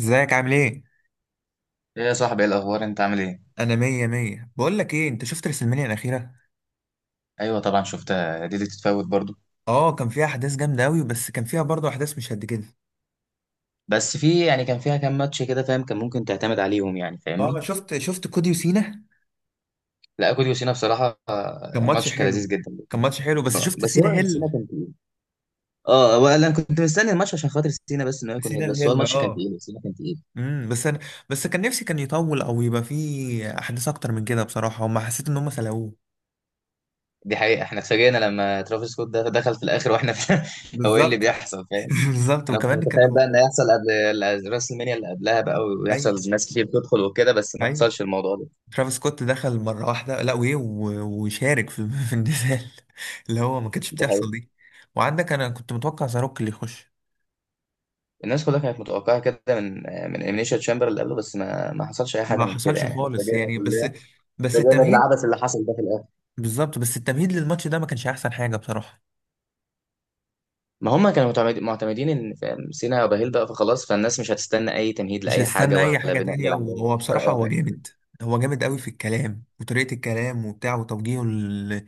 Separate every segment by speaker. Speaker 1: ازيك عامل ايه؟
Speaker 2: ايه يا صاحبي ايه الاخبار انت عامل ايه؟
Speaker 1: انا مية مية. بقول لك ايه، انت شفت رسلمانيا الاخيرة؟
Speaker 2: ايوه طبعا شفتها، دي اللي تتفوت برضو.
Speaker 1: اه كان فيها احداث جامدة اوي، بس كان فيها برضه احداث مش قد كده.
Speaker 2: بس في يعني كان فيها كام ماتش كده فاهم، كان ممكن تعتمد عليهم يعني
Speaker 1: اه
Speaker 2: فاهمني.
Speaker 1: شفت كودي وسينا.
Speaker 2: لا كوديو سينا بصراحه،
Speaker 1: كان ماتش
Speaker 2: الماتش كان
Speaker 1: حلو.
Speaker 2: لذيذ جدا.
Speaker 1: كان ماتش حلو، بس شفت
Speaker 2: بس
Speaker 1: سينا
Speaker 2: هو سينا
Speaker 1: هيل.
Speaker 2: كان تقيل. اه هو انا كنت مستني الماتش عشان خاطر سينا، بس انه يكون
Speaker 1: سينا
Speaker 2: هيل، بس هو
Speaker 1: الهيل،
Speaker 2: الماتش كان
Speaker 1: اه.
Speaker 2: تقيل، سينا كان تقيل.
Speaker 1: امم بس انا بس كان نفسي كان يطول او يبقى فيه احداث اكتر من كده بصراحة، وما حسيت ان هم سلقوه.
Speaker 2: دي حقيقه، احنا اتفاجئنا لما ترافيس سكوت دخل في الاخر واحنا في هو ايه اللي
Speaker 1: بالظبط.
Speaker 2: بيحصل فاهم.
Speaker 1: بالظبط،
Speaker 2: انا كنت
Speaker 1: وكمان
Speaker 2: متخيل بقى ان
Speaker 1: كانوا.
Speaker 2: هيحصل قبل راس المنيا، اللي قبلها بقى.
Speaker 1: ايوه،
Speaker 2: ويحصل ناس كتير تدخل وكده، بس ما
Speaker 1: ايوه،
Speaker 2: حصلش الموضوع ده.
Speaker 1: ترافيس سكوت دخل مرة واحدة، لا وإيه وشارك في في النزال اللي هو ما كانتش
Speaker 2: دي
Speaker 1: بتحصل دي. وعندك أنا كنت متوقع زاروك اللي يخش.
Speaker 2: الناس كلها كانت متوقعة كده من إليمينيشن تشامبر اللي قبله، بس ما حصلش أي حاجة
Speaker 1: ما
Speaker 2: من كده،
Speaker 1: حصلش
Speaker 2: يعني إحنا
Speaker 1: خالص
Speaker 2: اتفاجئنا
Speaker 1: يعني، بس
Speaker 2: كلنا.
Speaker 1: بس
Speaker 2: اتفاجئنا
Speaker 1: التمهيد.
Speaker 2: بالعبث اللي حصل ده في الآخر.
Speaker 1: بالظبط، بس التمهيد للماتش ده ما كانش أحسن حاجة بصراحة.
Speaker 2: ما هم كانوا معتمدين إن فاهم، سينا وبهيل بقى، فخلاص فالناس مش هتستنى أي تمهيد
Speaker 1: مش
Speaker 2: لأي حاجة،
Speaker 1: هستنى أي
Speaker 2: ولا
Speaker 1: حاجة
Speaker 2: بناء
Speaker 1: تانية،
Speaker 2: للعداوة
Speaker 1: وهو
Speaker 2: دي، ولا
Speaker 1: بصراحة
Speaker 2: أي
Speaker 1: هو
Speaker 2: حاجة
Speaker 1: جامد. هو جامد قوي في الكلام وطريقة الكلام وبتاع وتوجيهه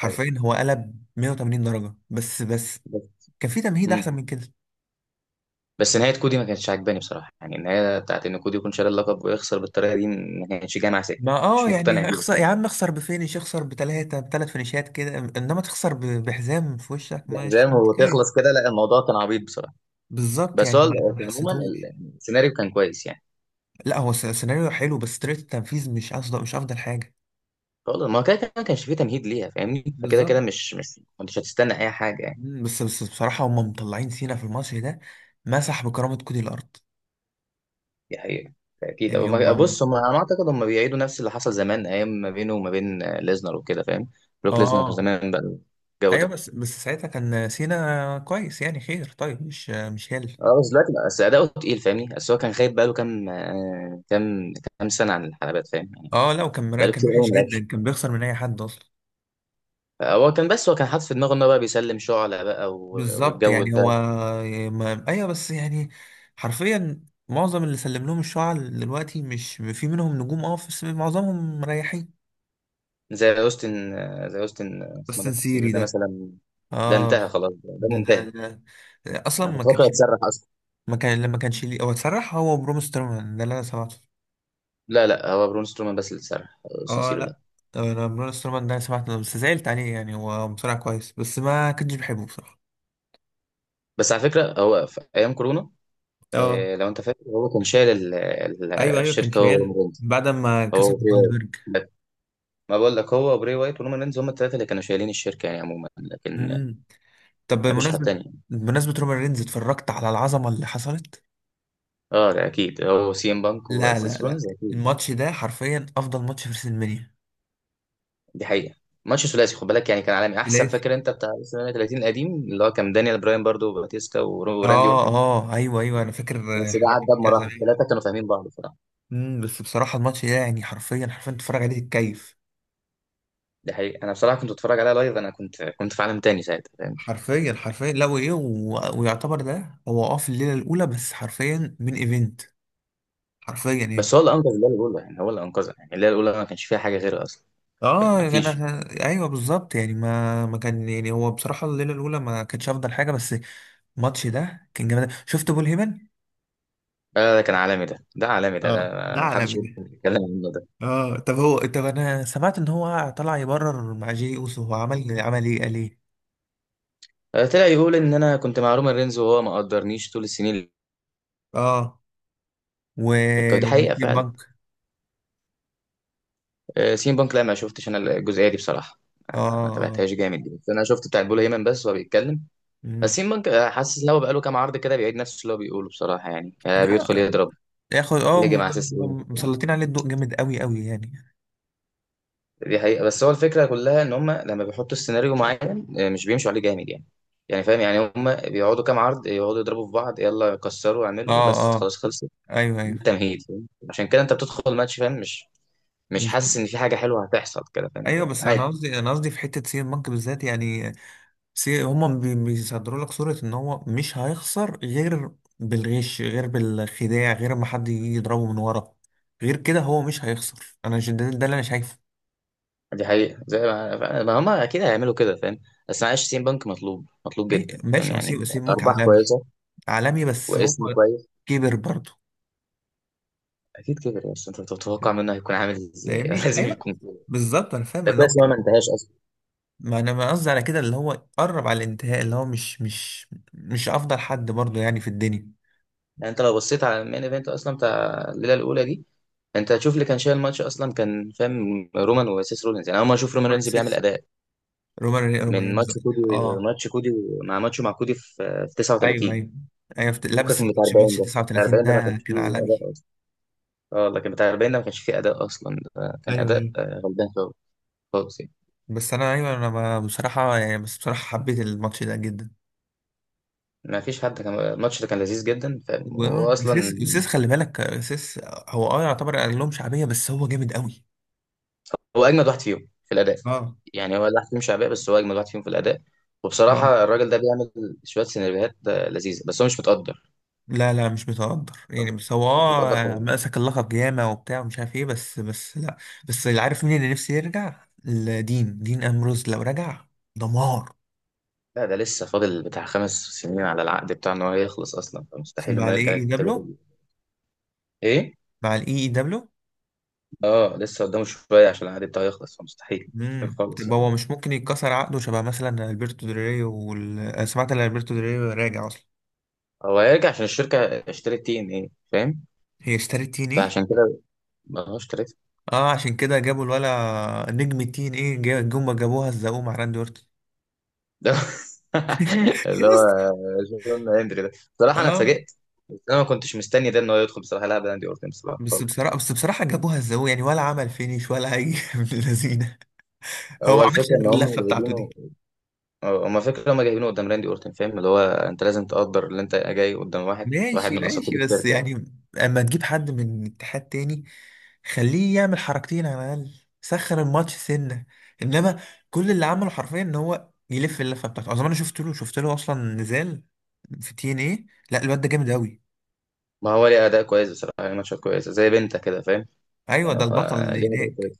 Speaker 2: فاهم؟
Speaker 1: هو قلب 180 درجة. بس
Speaker 2: بس
Speaker 1: كان في تمهيد أحسن
Speaker 2: مم.
Speaker 1: من كده.
Speaker 2: بس نهاية كودي ما كانتش عاجباني بصراحة، يعني النهاية بتاعت إن كودي يكون شاري اللقب ويخسر بالطريقة دي ما كانتش جاية مع سكة.
Speaker 1: ما
Speaker 2: مش
Speaker 1: اه
Speaker 2: مقتنع
Speaker 1: يعني
Speaker 2: بيها
Speaker 1: اخسر يا
Speaker 2: بصراحة.
Speaker 1: عم، اخسر بفينش، اخسر بتلاتة بتلات فينيشات كده، انما تخسر بحزام في وشك مش
Speaker 2: بحزام وتخلص
Speaker 1: منطقية.
Speaker 2: كده، لا الموضوع كان عبيط بصراحة.
Speaker 1: بالظبط،
Speaker 2: بس
Speaker 1: يعني
Speaker 2: هو
Speaker 1: ما
Speaker 2: عموما
Speaker 1: حسيتهوش.
Speaker 2: السيناريو كان كويس يعني.
Speaker 1: لا هو سيناريو حلو، بس طريقة التنفيذ مش افضل، مش افضل حاجة.
Speaker 2: خلاص، ما هو كده كده ما كانش فيه تمهيد ليها فاهمني، فكده كده
Speaker 1: بالظبط.
Speaker 2: مش ما انتش هتستنى اي حاجه يعني.
Speaker 1: مم، بس بصراحة هم مطلعين سينا في الماتش ده، مسح بكرامة كودي الأرض.
Speaker 2: دي حقيقه، اكيد. أو
Speaker 1: يعني
Speaker 2: ما-
Speaker 1: هم
Speaker 2: بص هم، انا اعتقد هم بيعيدوا نفس اللي حصل زمان، ايام ما بينه وما بين ليزنر وكده فاهم. بروك ليزنر
Speaker 1: اه.
Speaker 2: زمان بقى، الجو
Speaker 1: ايوه،
Speaker 2: ده.
Speaker 1: بس بس ساعتها كان سينا كويس يعني، خير طيب مش مش هل.
Speaker 2: اه بس بس اداؤه تقيل فاهمني، بس هو كان غايب بقاله كام، كام سنه عن الحلبات فاهم يعني.
Speaker 1: اه لا، وكان
Speaker 2: بقاله
Speaker 1: كان
Speaker 2: كتير قوي
Speaker 1: وحش
Speaker 2: ما لعبش.
Speaker 1: جدا، كان بيخسر من اي حد اصلا.
Speaker 2: هو كان، بس هو كان حاطط في دماغه ان هو بقى بيسلم شعلة بقى
Speaker 1: بالظبط،
Speaker 2: والجو
Speaker 1: يعني هو
Speaker 2: ده.
Speaker 1: ما... ايوه بس يعني، حرفيا معظم اللي سلم لهم الشعب دلوقتي مش في منهم نجوم، اه بس معظمهم مريحين.
Speaker 2: زي اوستن، اسمه
Speaker 1: بس
Speaker 2: ده سيبير
Speaker 1: نسيري
Speaker 2: ده
Speaker 1: ده،
Speaker 2: مثلا. ده
Speaker 1: اه.
Speaker 2: انتهى خلاص، ده
Speaker 1: ده ده
Speaker 2: منتهي.
Speaker 1: ده اصلا
Speaker 2: انا
Speaker 1: ما
Speaker 2: كنت فاكره
Speaker 1: كانش.
Speaker 2: هيتسرح اصلا.
Speaker 1: ما كان لما كانش ليه هو اتسرح، هو بروم سترومان ده اللي انا سمعته.
Speaker 2: لا هو برون سترومان بس اللي اتسرح،
Speaker 1: اه
Speaker 2: سانسيرو لا.
Speaker 1: لا، انا بروم سترومان ده سمعته بس زعلت عليه يعني، هو بصراحة كويس بس ما كنتش بحبه بصراحة.
Speaker 2: بس على فكره هو في ايام كورونا،
Speaker 1: اه.
Speaker 2: لو انت فاكر هو كان شايل
Speaker 1: ايوه، ايوه، كان
Speaker 2: الشركه، هو
Speaker 1: شايل
Speaker 2: ورومان
Speaker 1: بعد ما
Speaker 2: رينز. هو
Speaker 1: كسب
Speaker 2: وبري وايت.
Speaker 1: جولدبرج.
Speaker 2: بس ما بقول لك، هو وبري وايت ورومان رينز هم الثلاثه اللي كانوا شايلين الشركه يعني عموما، لكن
Speaker 1: طب
Speaker 2: ما فيش حد
Speaker 1: بمناسبة،
Speaker 2: تاني.
Speaker 1: بمناسبة رومان رينز، اتفرجت على العظمة اللي حصلت؟
Speaker 2: اه ده اكيد هو سي ام بانك
Speaker 1: لا لا
Speaker 2: وسيس
Speaker 1: لا،
Speaker 2: رولينز اكيد.
Speaker 1: الماتش ده حرفيا افضل ماتش في ريسلمانيا،
Speaker 2: دي حقيقه. ماتش ثلاثي خد بالك، يعني كان عالمي، احسن
Speaker 1: ثلاثي.
Speaker 2: فاكر انت بتاع WrestleMania 30 القديم اللي هو كان دانيال براين برضو وباتيستا وراندي
Speaker 1: اه
Speaker 2: اورتن.
Speaker 1: اه ايوه، ايوه انا فاكر. آه،
Speaker 2: بس ده
Speaker 1: حاجات
Speaker 2: عدى
Speaker 1: كتير
Speaker 2: بمراحل،
Speaker 1: زمان.
Speaker 2: ثلاثه كانوا فاهمين بعض.
Speaker 1: امم، بس بصراحة الماتش ده يعني حرفيا حرفيا تتفرج عليه تتكيف.
Speaker 2: ده حقيقي، انا بصراحه كنت بتفرج عليها لايف، انا كنت في عالم تاني ساعتها فاهم.
Speaker 1: حرفيا حرفيا، لا وايه ويعتبر ده هو اه في الليلة الاولى، بس حرفيا من ايفنت، حرفيا
Speaker 2: بس
Speaker 1: يعني.
Speaker 2: هو اللي انقذ الليله الاولى، يعني هو اللي انقذها، يعني الليله الاولى ما كانش فيها حاجه غيره اصلا، يعني
Speaker 1: اه
Speaker 2: ما
Speaker 1: يا
Speaker 2: فيش.
Speaker 1: جماعة. ايوه بالظبط، يعني ما كان يعني، هو بصراحة الليلة الاولى ما كانتش افضل حاجة، بس الماتش ده كان جامد. شفت بول هيمن؟
Speaker 2: آه ده كان عالمي، ده عالمي، ده
Speaker 1: اه، ده
Speaker 2: ما حدش
Speaker 1: عالمي.
Speaker 2: يتكلم عنه ده.
Speaker 1: اه، طب هو، طب انا سمعت ان هو طلع يبرر مع جي اوسو. هو عمل عمل ايه، قال ايه؟
Speaker 2: آه طلع يقول ان انا كنت مع رومان رينز وهو ما قدرنيش طول السنين
Speaker 1: اه. و
Speaker 2: دي حقيقه
Speaker 1: والتيم
Speaker 2: فعلا.
Speaker 1: بنك.
Speaker 2: آه سين بانك، لا ما شفتش انا الجزئيه دي بصراحه،
Speaker 1: اه.
Speaker 2: ما
Speaker 1: آه. آه.
Speaker 2: تابعتهاش جامد دي، بس انا شفت بتاع بول هيمن بس وهو بيتكلم.
Speaker 1: مم.
Speaker 2: بس سين بانك، حاسس ان هو بقاله كام عرض كده بيعيد نفس اللي هو بيقوله بصراحه، يعني بيدخل
Speaker 1: لا،
Speaker 2: يضرب،
Speaker 1: ياخد اه
Speaker 2: يهجم على اساس.
Speaker 1: مسلطين عليه الضوء جامد قوي قوي يعني.
Speaker 2: دي حقيقة، بس هو الفكرة كلها ان هم لما بيحطوا السيناريو معين، مش بيمشوا عليه جامد يعني، يعني فاهم يعني هم بيقعدوا كام عرض يقعدوا يضربوا في بعض، يلا كسروا اعملوا
Speaker 1: اه.
Speaker 2: بس خلاص
Speaker 1: اه
Speaker 2: خلصت.
Speaker 1: ايوه،
Speaker 2: ده
Speaker 1: ايوه
Speaker 2: تمهيد فاهم؟ عشان كده انت بتدخل الماتش فاهم، مش
Speaker 1: مش.
Speaker 2: حاسس ان في حاجة حلوة هتحصل كده فاهم.
Speaker 1: ايوه بس انا
Speaker 2: عادي.
Speaker 1: قصدي، انا قصدي في حته سي بنك بالذات يعني. بس هما بيصدروا لك صورة ان هو مش هيخسر غير بالغش، غير بالخداع، غير ما حد يجي يضربه من ورا. غير كده هو مش هيخسر. انا ده، ده اللي انا شايفه.
Speaker 2: دي حقيقة، زي ما هم اكيد هيعملوا كده فاهم، بس معلش سين بنك مطلوب، مطلوب جدا فاهم،
Speaker 1: ماشي، وسيم
Speaker 2: يعني
Speaker 1: وسيمك
Speaker 2: ارباح
Speaker 1: عالمي.
Speaker 2: كويسة
Speaker 1: عالمي، بس هو
Speaker 2: واسم كويس.
Speaker 1: كبر برضه.
Speaker 2: اكيد كبر، بس انت بتتوقع منه هيكون عامل ازاي
Speaker 1: فاهمني،
Speaker 2: لازم
Speaker 1: ايوه.
Speaker 2: يكون كده.
Speaker 1: بالظبط، انا فاهم
Speaker 2: ده
Speaker 1: ان هو
Speaker 2: كويس ان هو
Speaker 1: كده.
Speaker 2: ما انتهاش.
Speaker 1: ما انا ما قصدي على كده، اللي هو قرب على الانتهاء، اللي هو مش مش افضل حد برضه يعني في الدنيا.
Speaker 2: يعني انت لو بصيت على المين ايفنت اصلا بتاع الليله الاولى دي، انت هتشوف اللي كان شايل الماتش اصلا كان فاهم رومان وسيس رولينز، يعني اول ما اشوف رومان
Speaker 1: رومان
Speaker 2: رينز بيعمل
Speaker 1: ريز-
Speaker 2: اداء
Speaker 1: رومان ري- رومان
Speaker 2: من
Speaker 1: رينز.
Speaker 2: ماتش كودي،
Speaker 1: اه
Speaker 2: ماتش كودي، مع ماتشه مع كودي في
Speaker 1: ايوه
Speaker 2: 39.
Speaker 1: ايوه. ايوه لا،
Speaker 2: فكك
Speaker 1: بس
Speaker 2: من بتاع
Speaker 1: ماتش
Speaker 2: 40
Speaker 1: بيراميدز
Speaker 2: ده، بتاع
Speaker 1: 39
Speaker 2: 40 ده ما
Speaker 1: ده
Speaker 2: كانش
Speaker 1: كان
Speaker 2: فيه
Speaker 1: عالمي.
Speaker 2: اداء اصلا. اه لكن بتاع 40 ده ما كانش فيه اداء اصلا، ده كان
Speaker 1: ايوه ايوه.
Speaker 2: اداء غلبان خالص، خالص يعني.
Speaker 1: بس انا ايوه، انا بصراحه يعني، بس بصراحه حبيت الماتش ده جدا.
Speaker 2: ما فيش حد، كان الماتش ده كان لذيذ جدا فاهم
Speaker 1: وسيس،
Speaker 2: واصلا.
Speaker 1: خلي بالك سيس، هو اه يعتبر اقل لهم شعبيه بس هو جامد قوي.
Speaker 2: هو اجمد واحد فيهم في الاداء،
Speaker 1: اه.
Speaker 2: يعني هو الواحد فيهم شعبيه بس هو اجمد واحد فيهم في الاداء.
Speaker 1: اه
Speaker 2: وبصراحه الراجل ده بيعمل شويه سيناريوهات لذيذه، بس هو مش متقدر،
Speaker 1: لا لا، مش متقدر يعني، بس هو
Speaker 2: هو مش متقدر
Speaker 1: اه
Speaker 2: خالص.
Speaker 1: مسك اللقب ياما وبتاع ومش عارف ايه، بس بس لا. بس اللي عارف مين اللي نفسي يرجع، دين دين امروز لو رجع دمار.
Speaker 2: لا ده لسه فاضل بتاع 5 سنين على العقد بتاعه ان هو يخلص اصلا، فمستحيل
Speaker 1: مع
Speaker 2: انه
Speaker 1: الاي
Speaker 2: يرجع
Speaker 1: اي دبليو.
Speaker 2: للدبليو ايه.
Speaker 1: مع الاي اي.
Speaker 2: اه لسه قدامه شويه عشان العقد بتاعه يخلص، فمستحيل مستحيل
Speaker 1: امم،
Speaker 2: خالص
Speaker 1: طب هو
Speaker 2: يعني.
Speaker 1: مش ممكن يتكسر عقده، شبه مثلا البرتو دريو وال... أنا سمعت ان البرتو دريو راجع اصلا.
Speaker 2: هو هيرجع عشان الشركه اشترت تي ان ايه فاهم،
Speaker 1: هي اشترت تين ايه.
Speaker 2: فعشان كده ما هو اشترت
Speaker 1: اه عشان كده جابوا الولا نجم التين ايه جم جابوها الزقوم مع راندي اورتون.
Speaker 2: ده اللي هو
Speaker 1: يس.
Speaker 2: جون هندري ده، بصراحه انا
Speaker 1: اه.
Speaker 2: اتفاجئت. بس انا ما كنتش مستني ده ان هو يدخل بصراحه يلعب راندي اورتن بصراحه
Speaker 1: بس
Speaker 2: خالص يعني.
Speaker 1: بصراحه، بس بصراحه جابوها الزقوم يعني، ولا عمل فينيش ولا اي من اللذينه. هو
Speaker 2: هو
Speaker 1: ما عملش
Speaker 2: الفكره ان
Speaker 1: غير
Speaker 2: هم
Speaker 1: اللفه بتاعته دي.
Speaker 2: جايبينه، هم فكره هم جايبينه قدام راندي اورتن فاهم، اللي هو انت لازم تقدر اللي انت جاي قدام واحد، واحد
Speaker 1: ماشي
Speaker 2: من اساطير
Speaker 1: ماشي، بس
Speaker 2: الشركه يعني.
Speaker 1: يعني اما تجيب حد من اتحاد تاني خليه يعمل حركتين على الاقل، سخن الماتش سنه. انما كل اللي عمله حرفيا ان هو يلف اللفه بتاعته. اظن انا شفت له، شفت له اصلا نزال في تي ان ايه. لا، الواد ده جامد قوي.
Speaker 2: ما هو ليه اداء كويس بصراحه يعني، ماتشات كويسه زي بنتا كده فاهم،
Speaker 1: ايوه
Speaker 2: يعني
Speaker 1: ده
Speaker 2: هو
Speaker 1: البطل اللي
Speaker 2: ليه اداء
Speaker 1: هناك.
Speaker 2: كويس.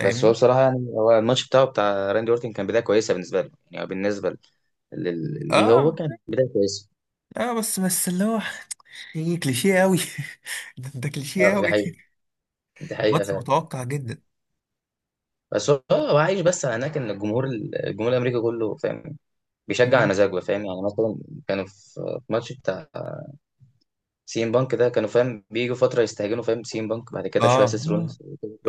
Speaker 2: بس هو بصراحه يعني هو الماتش بتاعه بتاع راندي اورتن كان بدايه كويسه بالنسبه له، يعني بالنسبه ليه هو
Speaker 1: اه
Speaker 2: كان بدايه كويسه.
Speaker 1: اه، بس بس اللي هو ايه، كليشيه قوي. ده ده كليشيه
Speaker 2: اه
Speaker 1: قوي،
Speaker 2: دي حقيقه، دي حقيقه.
Speaker 1: ماتش متوقع جدا.
Speaker 2: بس هو، هو عايش بس على هناك ان الجمهور، الجمهور الامريكي كله فاهم بيشجع على
Speaker 1: مم.
Speaker 2: مزاجه فاهم، يعني مثلا كانوا في ماتش بتاع سي ام بانك ده، كانوا فاهم بيجوا فتره يستهجنوا فاهم سي ام بانك، بعد
Speaker 1: اه.
Speaker 2: كده شويه سيس
Speaker 1: آه.
Speaker 2: رولينز،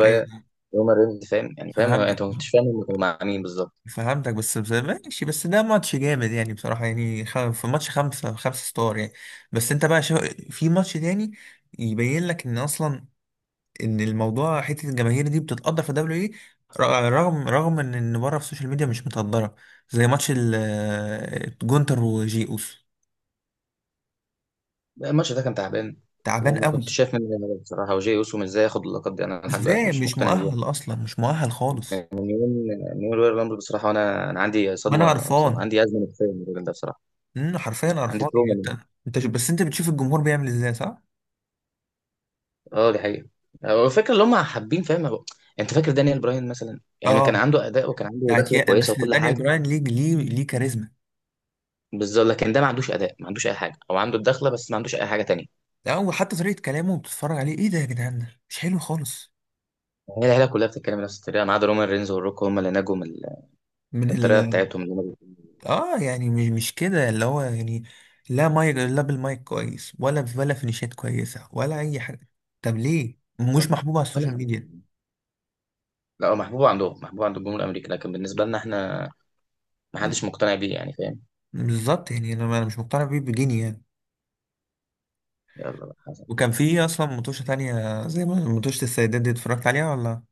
Speaker 1: ايوه.
Speaker 2: رومان رينز فاهم يعني فاهم
Speaker 1: فهمتك،
Speaker 2: انت ما كنتش فاهم هم كانوا مع مين بالظبط.
Speaker 1: فهمتك، بس بس ماشي، بس ده ماتش جامد يعني بصراحة يعني، في ماتش خمسة خمسة ستار يعني. بس انت بقى شو، في ماتش تاني يبين لك ان اصلا، ان الموضوع حتة الجماهير دي بتتقدر في دبليو ايه، رغم ان بره في السوشيال ميديا مش متقدرة، زي ماتش جونتر وجيوس.
Speaker 2: الماتش ده كان تعبان،
Speaker 1: تعبان
Speaker 2: وما كنتش
Speaker 1: قوي.
Speaker 2: شايف منه غير بصراحه وجاي اوسو ازاي ياخد اللقب، دي انا لحد دلوقتي
Speaker 1: ازاي،
Speaker 2: مش
Speaker 1: مش
Speaker 2: مقتنع بيه.
Speaker 1: مؤهل اصلا، مش مؤهل خالص.
Speaker 2: من يوم من يوم رويال رامبل بصراحه، وانا عندي
Speaker 1: وانا
Speaker 2: صدمة،
Speaker 1: قرفان.
Speaker 2: عندي ازمه نفسيه من الراجل ده بصراحه،
Speaker 1: حرفيا
Speaker 2: عندي
Speaker 1: قرفان يعني.
Speaker 2: تروما.
Speaker 1: انت، انت بس انت بتشوف الجمهور بيعمل ازاي صح؟
Speaker 2: اه دي حقيقة، هو فاكر اللي هم حابين فاهم انت فاكر دانيال براين مثلا يعني كان
Speaker 1: اه
Speaker 2: عنده اداء وكان
Speaker 1: ده
Speaker 2: عنده دخله
Speaker 1: اعتياق،
Speaker 2: كويسه
Speaker 1: بس
Speaker 2: وكل
Speaker 1: دانيال
Speaker 2: حاجه.
Speaker 1: براين ليه كاريزما.
Speaker 2: بالظبط، لكن ده ما عندوش اداء، ما عندوش اي حاجه، او عنده الدخله بس ما عندوش اي حاجه تانية.
Speaker 1: ده، وحتى طريقة كلامه بتتفرج عليه ايه ده يا جدعان، ده مش حلو خالص.
Speaker 2: هي العيله كلها بتتكلم نفس الطريقه ما عدا رومان رينز والروك، هم اللي نجوا من
Speaker 1: من
Speaker 2: من
Speaker 1: ال،
Speaker 2: الطريقه بتاعتهم اللي هم بيقولوا.
Speaker 1: اه يعني مش مش كده اللي هو يعني. لا مايك، لا بالمايك كويس، ولا ولا فينيشات كويسة، ولا أي حاجة. طب ليه؟ مش محبوب على
Speaker 2: ولا-
Speaker 1: السوشيال ميديا.
Speaker 2: لا هو محبوب عندهم، محبوب عند الجمهور الامريكي، لكن بالنسبه لنا احنا ما
Speaker 1: م-
Speaker 2: حدش مقتنع بيه يعني فاهم.
Speaker 1: بالظبط يعني، أنا أنا مش مقتنع بيه بجنيه يعني.
Speaker 2: يلا بقى حسن.
Speaker 1: وكان في أصلا متوشة تانية زي ما متوشة السيدات، دي اتفرجت عليها ولا؟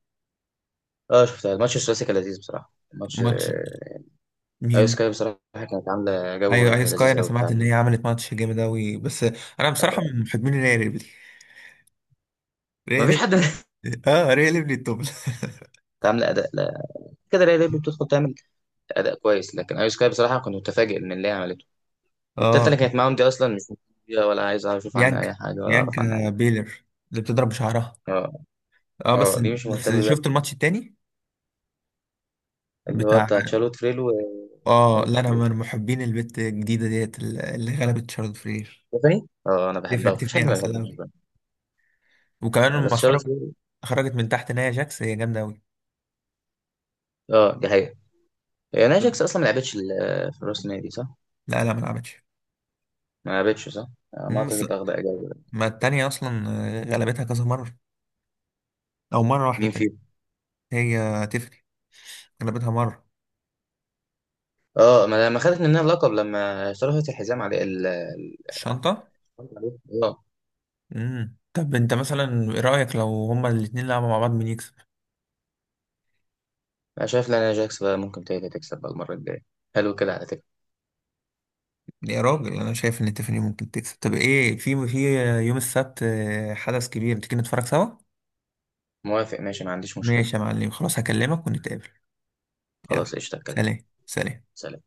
Speaker 2: اه شفتها، الماتش الثلاثي كان لذيذ بصراحه، الماتش،
Speaker 1: ماتش
Speaker 2: ايو
Speaker 1: مين؟
Speaker 2: سكاي بصراحه كانت عامله جو
Speaker 1: أيوة أيوة سكاي،
Speaker 2: لذيذ
Speaker 1: أنا
Speaker 2: قوي بتاع.
Speaker 1: سمعت إن هي عملت ماتش جامد أوي، بس أنا بصراحة
Speaker 2: آه،
Speaker 1: من محبين الريال، ريح
Speaker 2: مفيش حد
Speaker 1: ريبلي. اه ريح ريبلي الطبل.
Speaker 2: عامل اداء، لا كده ليه، ليه بتدخل تعمل اداء كويس، لكن ايو سكاي بصراحه كنت متفاجئ من اللي هي عملته. التالتة
Speaker 1: اه.
Speaker 2: اللي كانت معاهم دي اصلا مش مهتمة، ولا عايز اعرف اشوف عنها
Speaker 1: بيانكا،
Speaker 2: اي حاجه ولا اعرف عنها اي
Speaker 1: بيانكا
Speaker 2: حاجه.
Speaker 1: بيلر، اللي بتضرب بشعرها.
Speaker 2: اه،
Speaker 1: اه بس.
Speaker 2: اه دي مش
Speaker 1: بس
Speaker 2: مهتم
Speaker 1: شفت
Speaker 2: بيها.
Speaker 1: الماتش التاني
Speaker 2: اللي هو
Speaker 1: بتاع،
Speaker 2: بتاع شارلوت فريلو و
Speaker 1: اه
Speaker 2: شارلوت
Speaker 1: لا انا
Speaker 2: فريلو
Speaker 1: من محبين البت الجديده ديت اللي غلبت شارلوت فلير.
Speaker 2: ستيفاني، اه انا
Speaker 1: تفني،
Speaker 2: بحبها مفيش
Speaker 1: تفني
Speaker 2: حد ما
Speaker 1: عسل
Speaker 2: بيحبهاش
Speaker 1: اوي.
Speaker 2: بقى.
Speaker 1: وكمان
Speaker 2: بس
Speaker 1: لما
Speaker 2: شارلوت
Speaker 1: خرجت،
Speaker 2: فريلو.
Speaker 1: خرجت من تحت نايا جاكس، هي جامده اوي.
Speaker 2: اه دي حقيقه. هي ناجكس اصلا ما لعبتش في راس النادي صح؟
Speaker 1: لا لا ما لعبتش.
Speaker 2: ما لعبتش صح؟ ما
Speaker 1: مم، بس
Speaker 2: اعتقد اخد اجابه.
Speaker 1: ما التانية أصلا آه، غلبتها كذا مرة، أو مرة واحدة
Speaker 2: مين
Speaker 1: تانية.
Speaker 2: فيهم؟
Speaker 1: هي تفني غلبتها مرة.
Speaker 2: اه، ما لما خدت منها اللقب لما اشتركت الحزام عليه
Speaker 1: الشنطة.
Speaker 2: فهمت عليك؟ اه.
Speaker 1: امم، طب انت مثلا ايه رأيك لو هما الاتنين لعبوا مع بعض، مين يكسب؟
Speaker 2: انا شايف لانا جاكس بقى ممكن تقدر تكسب بقى المره الجايه، حلو كده على فكره.
Speaker 1: يا راجل، انا شايف ان تيفاني ممكن تكسب. طب ايه، في في يوم السبت آه، حدث كبير، تيجي نتفرج سوا؟
Speaker 2: موافق ماشي ما عنديش مشكله.
Speaker 1: ماشي يا معلم، خلاص هكلمك ونتقابل. يلا،
Speaker 2: خلاص قشطه الكلام،
Speaker 1: سلام سلام.
Speaker 2: سلام.